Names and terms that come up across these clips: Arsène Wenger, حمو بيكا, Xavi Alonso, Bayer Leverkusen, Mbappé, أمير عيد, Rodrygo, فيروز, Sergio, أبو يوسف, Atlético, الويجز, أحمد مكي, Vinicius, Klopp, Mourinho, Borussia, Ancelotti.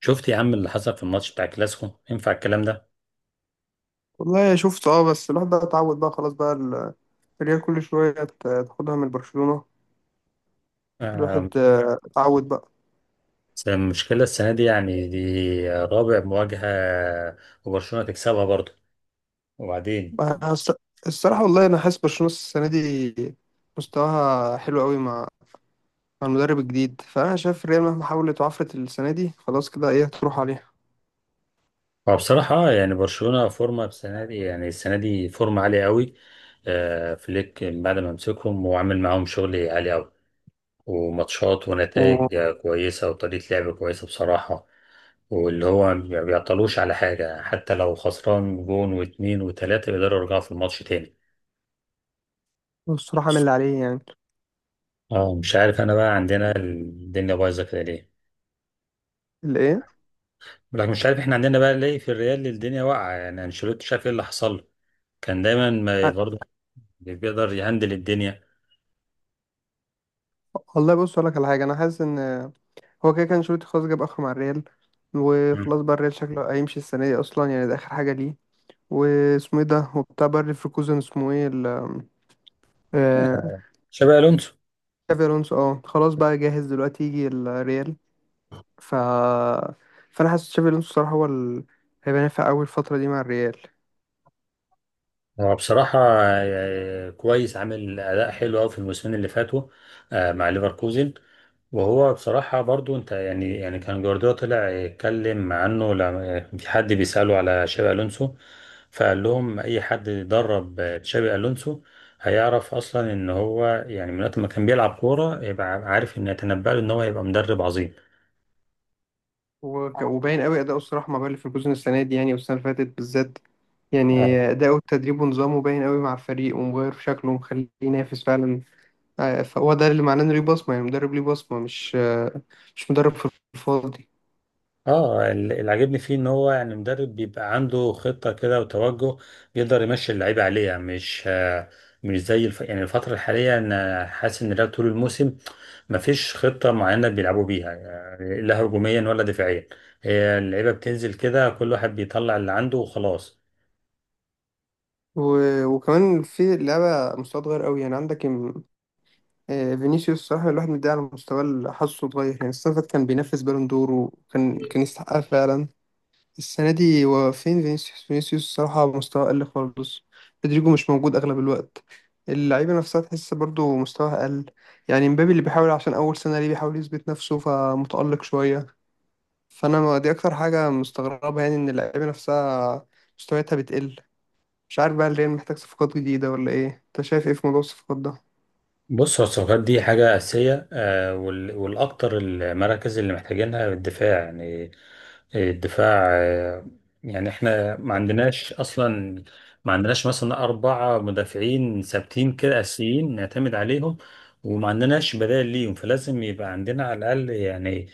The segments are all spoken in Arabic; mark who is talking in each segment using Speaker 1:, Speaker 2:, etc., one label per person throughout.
Speaker 1: شفت يا عم اللي حصل في الماتش بتاع كلاسيكو؟ ينفع الكلام ده؟
Speaker 2: والله شفت اه بس الواحد بقى اتعود بقى خلاص بقى الريال كل شوية تاخدها من برشلونة.
Speaker 1: آه،
Speaker 2: الواحد اتعود بقى.
Speaker 1: بس المشكلة السنة دي، دي رابع مواجهة، وبرشلونة تكسبها برضه. وبعدين
Speaker 2: بقى الص- الصراحة والله أنا حاسس برشلونة السنة دي مستواها حلو قوي مع المدرب الجديد، فأنا شايف الريال مهما حاولت وعفرت السنة دي خلاص كده إيه هتروح عليها.
Speaker 1: فبصراحة برشلونة فورمة السنة دي، السنة دي فورمة عالية قوي. فليك بعد ما مسكهم وعمل معاهم شغل عالي قوي، وماتشات
Speaker 2: و-
Speaker 1: ونتائج كويسة، وطريقة لعب كويسة بصراحة. واللي هو ما بيعطلوش على حاجة، حتى لو خسران جون واتنين وتلاتة يقدروا يرجعوا في الماتش تاني.
Speaker 2: والصراحة عامل اللي عليه يعني.
Speaker 1: اه، مش عارف انا بقى عندنا الدنيا بايظه كده ليه.
Speaker 2: اللي إيه؟
Speaker 1: لكن مش عارف احنا عندنا بقى ليه في الريال الدنيا واقعه. يعني انشيلوتي شاف ايه اللي حصل له، كان دايما ما
Speaker 2: ع-
Speaker 1: برضه بيقدر يهندل الدنيا.
Speaker 2: والله بص أقول لك على حاجة، أنا حاسس إن هو كده كان شروط خلاص جاب آخره مع الريال،
Speaker 1: مم.
Speaker 2: وخلاص بقى الريال شكله هيمشي السنة دي أصلا، يعني ده آخر حاجة ليه. واسمه ايه ده وبتاع باير ليفركوزن، اسمه ايه ال آه،
Speaker 1: شابي الونسو
Speaker 2: تشافي الونسو؟ اه، خلاص بقى جاهز دلوقتي يجي الريال. ف فانا حاسس تشافي الونسو الصراحه هيبقى نافع قوي الفتره دي مع الريال.
Speaker 1: هو بصراحه كويس، عامل اداء حلو قوي في الموسمين اللي فاتوا، مع ليفركوزن. وهو بصراحة برضو انت يعني كان جوارديولا طلع يتكلم عنه لما في حد بيسأله على شابي ألونسو، فقال لهم أي حد درب تشابي ألونسو هيعرف أصلا إن هو، من وقت ما كان بيلعب كورة يبقى عارف إن يتنبأ له إن هو هيبقى مدرب عظيم.
Speaker 2: وباين قوي اداؤه الصراحه مع باير ليفركوزن السنه دي، يعني والسنه اللي فاتت بالذات، يعني
Speaker 1: اه.
Speaker 2: اداؤه التدريب ونظامه باين قوي مع الفريق ومغير في شكله ومخليه ينافس فعلا. فهو ده اللي معناه انه ليه بصمه، يعني مدرب ليه بصمه، مش مدرب في الفاضي.
Speaker 1: اللي عاجبني فيه ان هو مدرب بيبقى عنده خطة كده وتوجه، يقدر يمشي اللعيبة عليها. مش مش يعني الفترة الحالية انا حاسس ان ده طول الموسم مفيش خطة معينة بيلعبوا بيها، يعني لا هجوميا ولا دفاعيا. هي اللعيبة بتنزل كده، كل واحد بيطلع اللي عنده وخلاص.
Speaker 2: وكمان في لعبة مستوى صغير قوي، يعني عندك فينيسيوس الصراحة الواحد مديه على مستوى حاسه صغير. يعني السنة اللي فاتت كان بينافس بالون دور، وكان يستحقها فعلا. السنة دي هو فين فينيسيوس؟ فينيسيوس الصراحة مستوى أقل خالص. رودريجو مش موجود أغلب الوقت. اللعيبة نفسها تحس برضو مستواها أقل. يعني مبابي اللي بيحاول عشان أول سنة ليه، بيحاول يثبت نفسه فمتألق شوية. فأنا ما- دي أكتر حاجة مستغربة، يعني إن اللعيبة نفسها مستوياتها بتقل. مش عارف بقى الريال محتاج صفقات جديدة ولا ايه، انت شايف ايه في موضوع الصفقات ده؟
Speaker 1: بص، هو الصفقات دي حاجة أساسية والأكتر المراكز اللي محتاجينها الدفاع. يعني الدفاع يعني احنا ما عندناش أصلا، ما عندناش مثلا 4 مدافعين ثابتين كده أساسيين نعتمد عليهم، وما عندناش بدائل ليهم. فلازم يبقى عندنا على الأقل يعني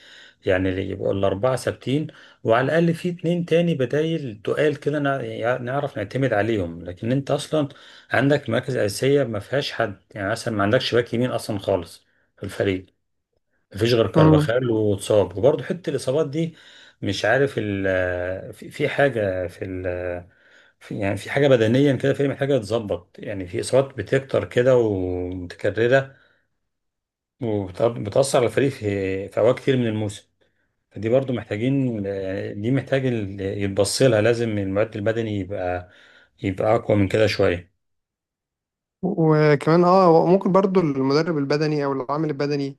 Speaker 1: يعني اللي يبقوا الأربعة ثابتين، وعلى الأقل في اتنين تاني بدايل تقال كده، يعني نعرف نعتمد عليهم. لكن أنت أصلا عندك مراكز أساسية ما فيهاش حد. يعني مثلا ما عندكش باك يمين أصلا خالص في الفريق، ما فيش غير
Speaker 2: مم.
Speaker 1: كارفاخال واتصاب، وبرضه حتة الإصابات دي. مش عارف ال في في حاجة في ال في يعني في حاجة بدنيا كده، في محتاجة تتظبط. يعني في إصابات بتكتر كده ومتكررة، وبتأثر على الفريق في أوقات كتير من الموسم. فدي برضو محتاجين، دي محتاج يتبص لها، لازم المعد البدني يبقى أقوى من كده شوية.
Speaker 2: وكمان اه ممكن برضو المدرب البدني او العامل البدني.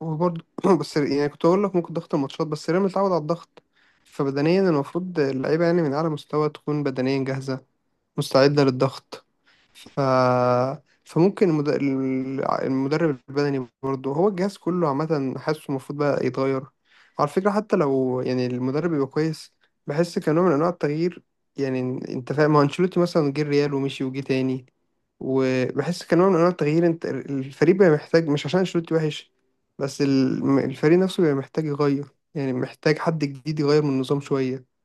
Speaker 2: وبرضو بس يعني كنت اقول لك ممكن ضغط الماتشات، بس الريال متعود على الضغط، فبدنيا المفروض اللعيبة يعني من اعلى مستوى تكون بدنيا جاهزة، مستعدة للضغط. ف... فممكن المد... المدرب البدني برضه هو الجهاز كله عامة، حاسه المفروض بقى يتغير على فكرة. حتى لو يعني المدرب يبقى كويس، بحس كنوع من أنواع التغيير يعني. أنت فاهم، ما هو أنشيلوتي مثلا جه الريال ومشي وجه تاني، وبحس كنوع من أنواع التغيير. أنت الفريق بقى محتاج، مش عشان أنشيلوتي وحش، بس الفريق نفسه بقى محتاج يغير، يعني محتاج حد جديد يغير من النظام شوية.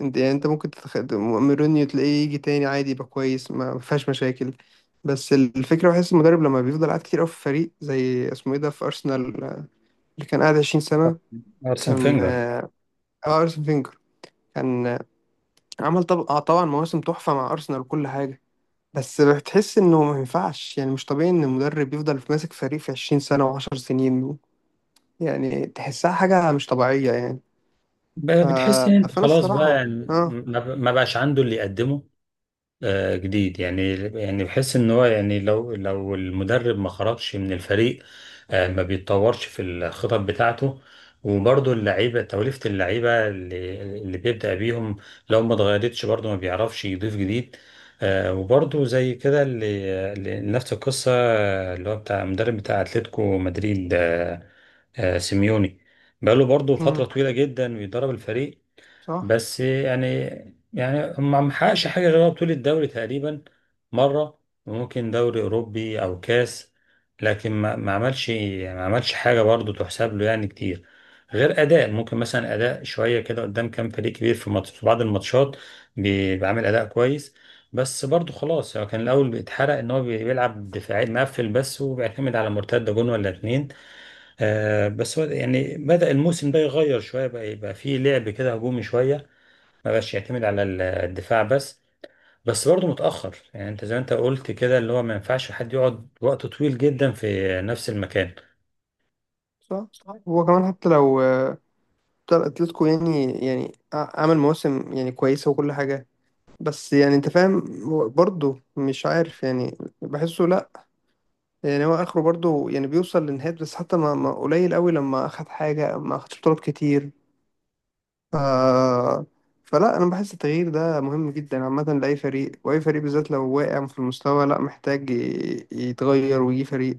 Speaker 2: انت يعني انت ممكن مورينيو تلاقيه يجي تاني عادي، يبقى كويس، ما فيهاش مشاكل. بس الفكرة بحس المدرب لما بيفضل قاعد كتير قوي في فريق زي اسمه ايه ده في أرسنال، اللي كان قاعد 20 سنة.
Speaker 1: أرسن
Speaker 2: كان
Speaker 1: فينجر.
Speaker 2: أرسن فينجر، كان عمل طب... آه، طبعا مواسم تحفة مع أرسنال وكل حاجة. بس بتحس انه ما ينفعش، يعني مش طبيعي ان المدرب يفضل ماسك فريق في 20 سنة و10 سنين. يعني تحسها حاجة مش طبيعية يعني.
Speaker 1: بقى
Speaker 2: ف...
Speaker 1: بتحس ان انت
Speaker 2: فأنا
Speaker 1: خلاص بقى،
Speaker 2: الصراحة
Speaker 1: يعني
Speaker 2: اه.
Speaker 1: ما بقاش عنده اللي يقدمه جديد. يعني بحس ان هو، يعني لو المدرب ما خرجش من الفريق ما بيتطورش في الخطط بتاعته. وبرضه اللعيبه، توليفه اللعيبه اللي بيبدأ بيهم لو ما اتغيرتش برضه ما بيعرفش يضيف جديد وبرضه زي كده اللي نفس القصه اللي هو بتاع المدرب بتاع اتلتيكو مدريد سيميوني، بقاله برضه فترة
Speaker 2: مم،
Speaker 1: طويلة جدا بيدرب الفريق.
Speaker 2: صح.
Speaker 1: بس يعني، ما محققش حاجة غير بطولة الدوري تقريبا مرة، وممكن دوري أوروبي أو كاس. لكن ما عملش، حاجة برضو تحسب له يعني كتير، غير أداء. ممكن مثلا أداء شوية كده قدام كام فريق كبير في ماتش، في بعض الماتشات بيعمل أداء كويس. بس برضو خلاص، هو كان الأول بيتحرق إن هو بيلعب دفاعي مقفل بس، وبيعتمد على مرتدة جون ولا اتنين. آه، بس هو يعني بدأ الموسم ده يغير شوية بقى، يبقى فيه لعب كده هجومي شوية، ما بقاش يعتمد على الدفاع بس. بس برضه متأخر. يعني انت زي ما انت قلت كده، اللي هو ما ينفعش حد يقعد وقت طويل جدا في نفس المكان.
Speaker 2: صح. هو كمان حتى لو طبعا اتلتيكو يعني يعني عمل مواسم يعني كويسة وكل حاجة، بس يعني انت فاهم هو برضه مش عارف، يعني بحسه لا، يعني هو اخره برضه يعني بيوصل لنهاية، بس حتى ما قليل قوي لما اخد حاجة، ما اخدش بطولات كتير. ف... فلا، انا بحس التغيير ده مهم جدا عامة لأي فريق، واي فريق بالذات لو واقع في المستوى لا محتاج يتغير ويجي فريق.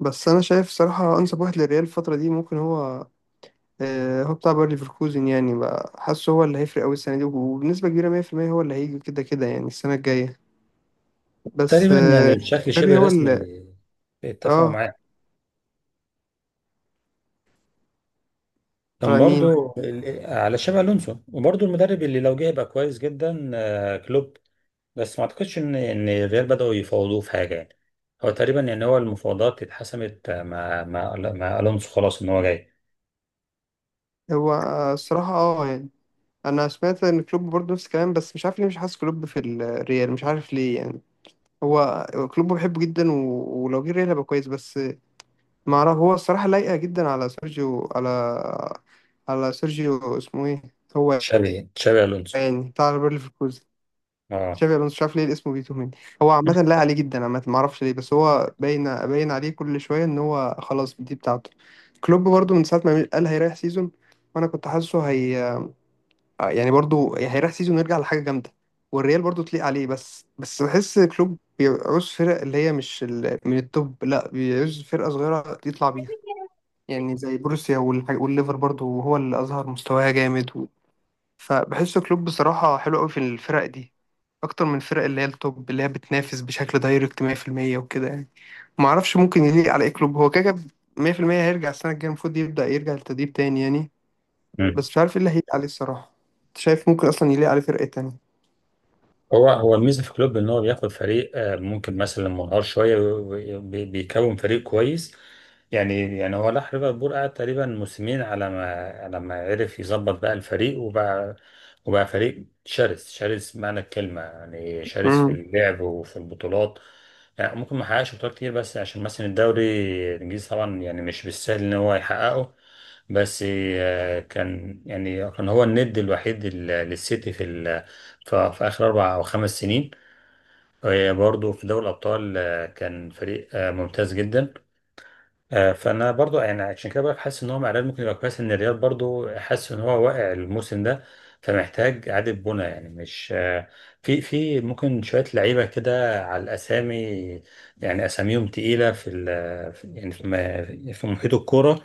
Speaker 2: بس انا شايف صراحة انسب واحد للريال الفترة دي ممكن هو هو بتاع باير ليفركوزن، يعني بقى حاسه هو اللي هيفرق قوي السنه دي وبنسبه كبيره 100%، هو اللي هيجي كده كده يعني السنه الجايه. بس
Speaker 1: تقريبا يعني بشكل
Speaker 2: مبابي
Speaker 1: شبه
Speaker 2: هو اللي
Speaker 1: رسمي اتفقوا
Speaker 2: اه.
Speaker 1: معاه. كان
Speaker 2: على مين؟
Speaker 1: برضه على شبه الونسو. وبرضه المدرب اللي لو جه يبقى كويس جدا كلوب. بس ما اعتقدش ان الريال بدأوا يفاوضوه في حاجة. يعني هو تقريبا، يعني هو المفاوضات اتحسمت مع الونسو خلاص، ان هو جاي.
Speaker 2: هو الصراحه اه يعني انا سمعت ان كلوب برضه نفس الكلام، بس مش عارف ليه مش حاسس كلوب في الريال، مش عارف ليه يعني. هو كلوب بحبه جدا، ولو جه الريال هيبقى كويس، بس ما اعرف هو الصراحه لايقه جدا على سيرجيو، على على سيرجيو اسمه ايه هو،
Speaker 1: شابي الونسو.
Speaker 2: يعني بتاع باير ليفركوزن،
Speaker 1: اه،
Speaker 2: تشافي الونسو. مش عارف ليه الاسم بيتوه مني. هو عامة لا عليه جدا عامة، ما اعرفش ليه، بس هو باين باين عليه كل شوية ان هو خلاص دي بتاعته. كلوب برضو من ساعة ما قال هيريح سيزون، وانا كنت حاسه هي، يعني برضو هيريح سيزون ويرجع لحاجة جامدة، والريال برضو تليق عليه، بس بحس كلوب بيعوز فرق اللي هي مش من التوب، لا بيعوز فرقة صغيرة يطلع بيها، يعني زي بروسيا والليفر برضو هو اللي اظهر مستواها جامد. فبحس كلوب بصراحة حلو قوي في الفرق دي اكتر من الفرق اللي هي التوب، اللي هي بتنافس بشكل دايركت 100%، وكده يعني. ما اعرفش ممكن يليق على ايه كلوب، هو كده كده 100% هيرجع السنه الجايه المفروض يبدا يرجع للتدريب تاني يعني. بس مش عارف ايه اللي هيليق عليه الصراحه. أنت شايف ممكن اصلا يليق عليه فرقه تانية؟
Speaker 1: هو الميزه في كلوب ان هو بياخد فريق ممكن مثلا منهار شويه، بيكون فريق كويس. يعني هو راح ليفربول، قعد تقريبا موسمين على ما عرف يظبط بقى الفريق، وبقى فريق شرس، شرس معنى الكلمه، يعني شرس في
Speaker 2: امم.
Speaker 1: اللعب وفي البطولات. يعني ممكن ما حققش بطولات كتير، بس عشان مثلا الدوري الانجليزي طبعا يعني مش بالسهل ان هو يحققه. بس كان يعني، كان هو الند الوحيد للسيتي في ففي آخر 4 أو 5 سنين. وهي برضه في دوري الأبطال كان فريق ممتاز جدا. فانا برضو، يعني عشان كده بقولك، حاسس ان هو مع الريال ممكن يبقى كويس. ان الريال برضو حاسس ان هو واقع الموسم ده، فمحتاج اعاده بناء. يعني مش في ممكن شويه لعيبه كده على الاسامي، يعني اساميهم تقيله في يعني في في محيط الكوره.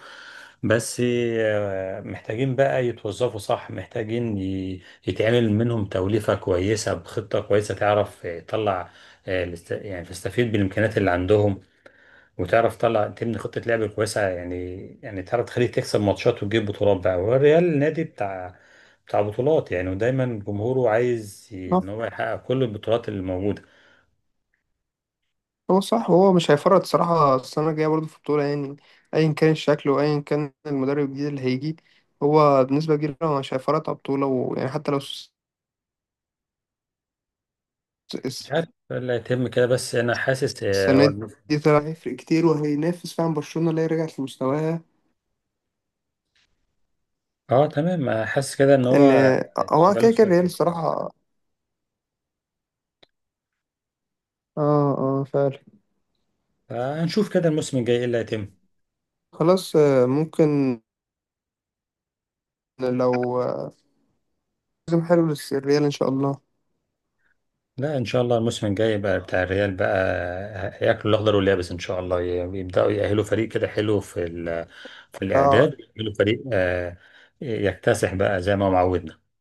Speaker 1: بس محتاجين بقى يتوظفوا صح، محتاجين يتعمل منهم توليفه كويسه بخطه كويسه، تعرف تطلع يعني تستفيد بالامكانيات اللي عندهم، وتعرف تطلع تبني خطة لعب كويسة. يعني تعرف تخليه تكسب ماتشات وتجيب بطولات بقى. والريال نادي بتاع بطولات، يعني ودايما جمهوره عايز ان هو يحقق كل البطولات اللي موجودة.
Speaker 2: هو صح، هو مش هيفرط صراحه السنه الجايه برضه في البطوله، يعني ايا كان الشكل وايا كان المدرب الجديد اللي هيجي، هو بنسبه كبيره هو مش هيفرط على البطوله، ويعني حتى لو
Speaker 1: مش
Speaker 2: الس-
Speaker 1: عارف اللي هيتم كده، بس انا حاسس
Speaker 2: السنه دي طلع هيفرق كتير وهينافس فعلا برشلونه اللي هي رجعت لمستواها.
Speaker 1: اه، تمام. حاسس كده ان
Speaker 2: ان
Speaker 1: هو
Speaker 2: هو كده
Speaker 1: شغال
Speaker 2: كده
Speaker 1: شوية في
Speaker 2: الريال
Speaker 1: الكورة.
Speaker 2: الصراحه اه. اه، فعلا.
Speaker 1: فهنشوف كده الموسم الجاي ايه اللي هيتم.
Speaker 2: خلاص ممكن. لو موسم حلو للريال ان شاء الله.
Speaker 1: لا، ان شاء الله الموسم الجاي بقى بتاع الريال بقى، هياكلوا الاخضر واليابس. ان شاء الله يبداوا يأهلوا فريق كده حلو في في
Speaker 2: اه
Speaker 1: الاعداد، يأهلوا فريق يكتسح بقى زي ما هو معودنا.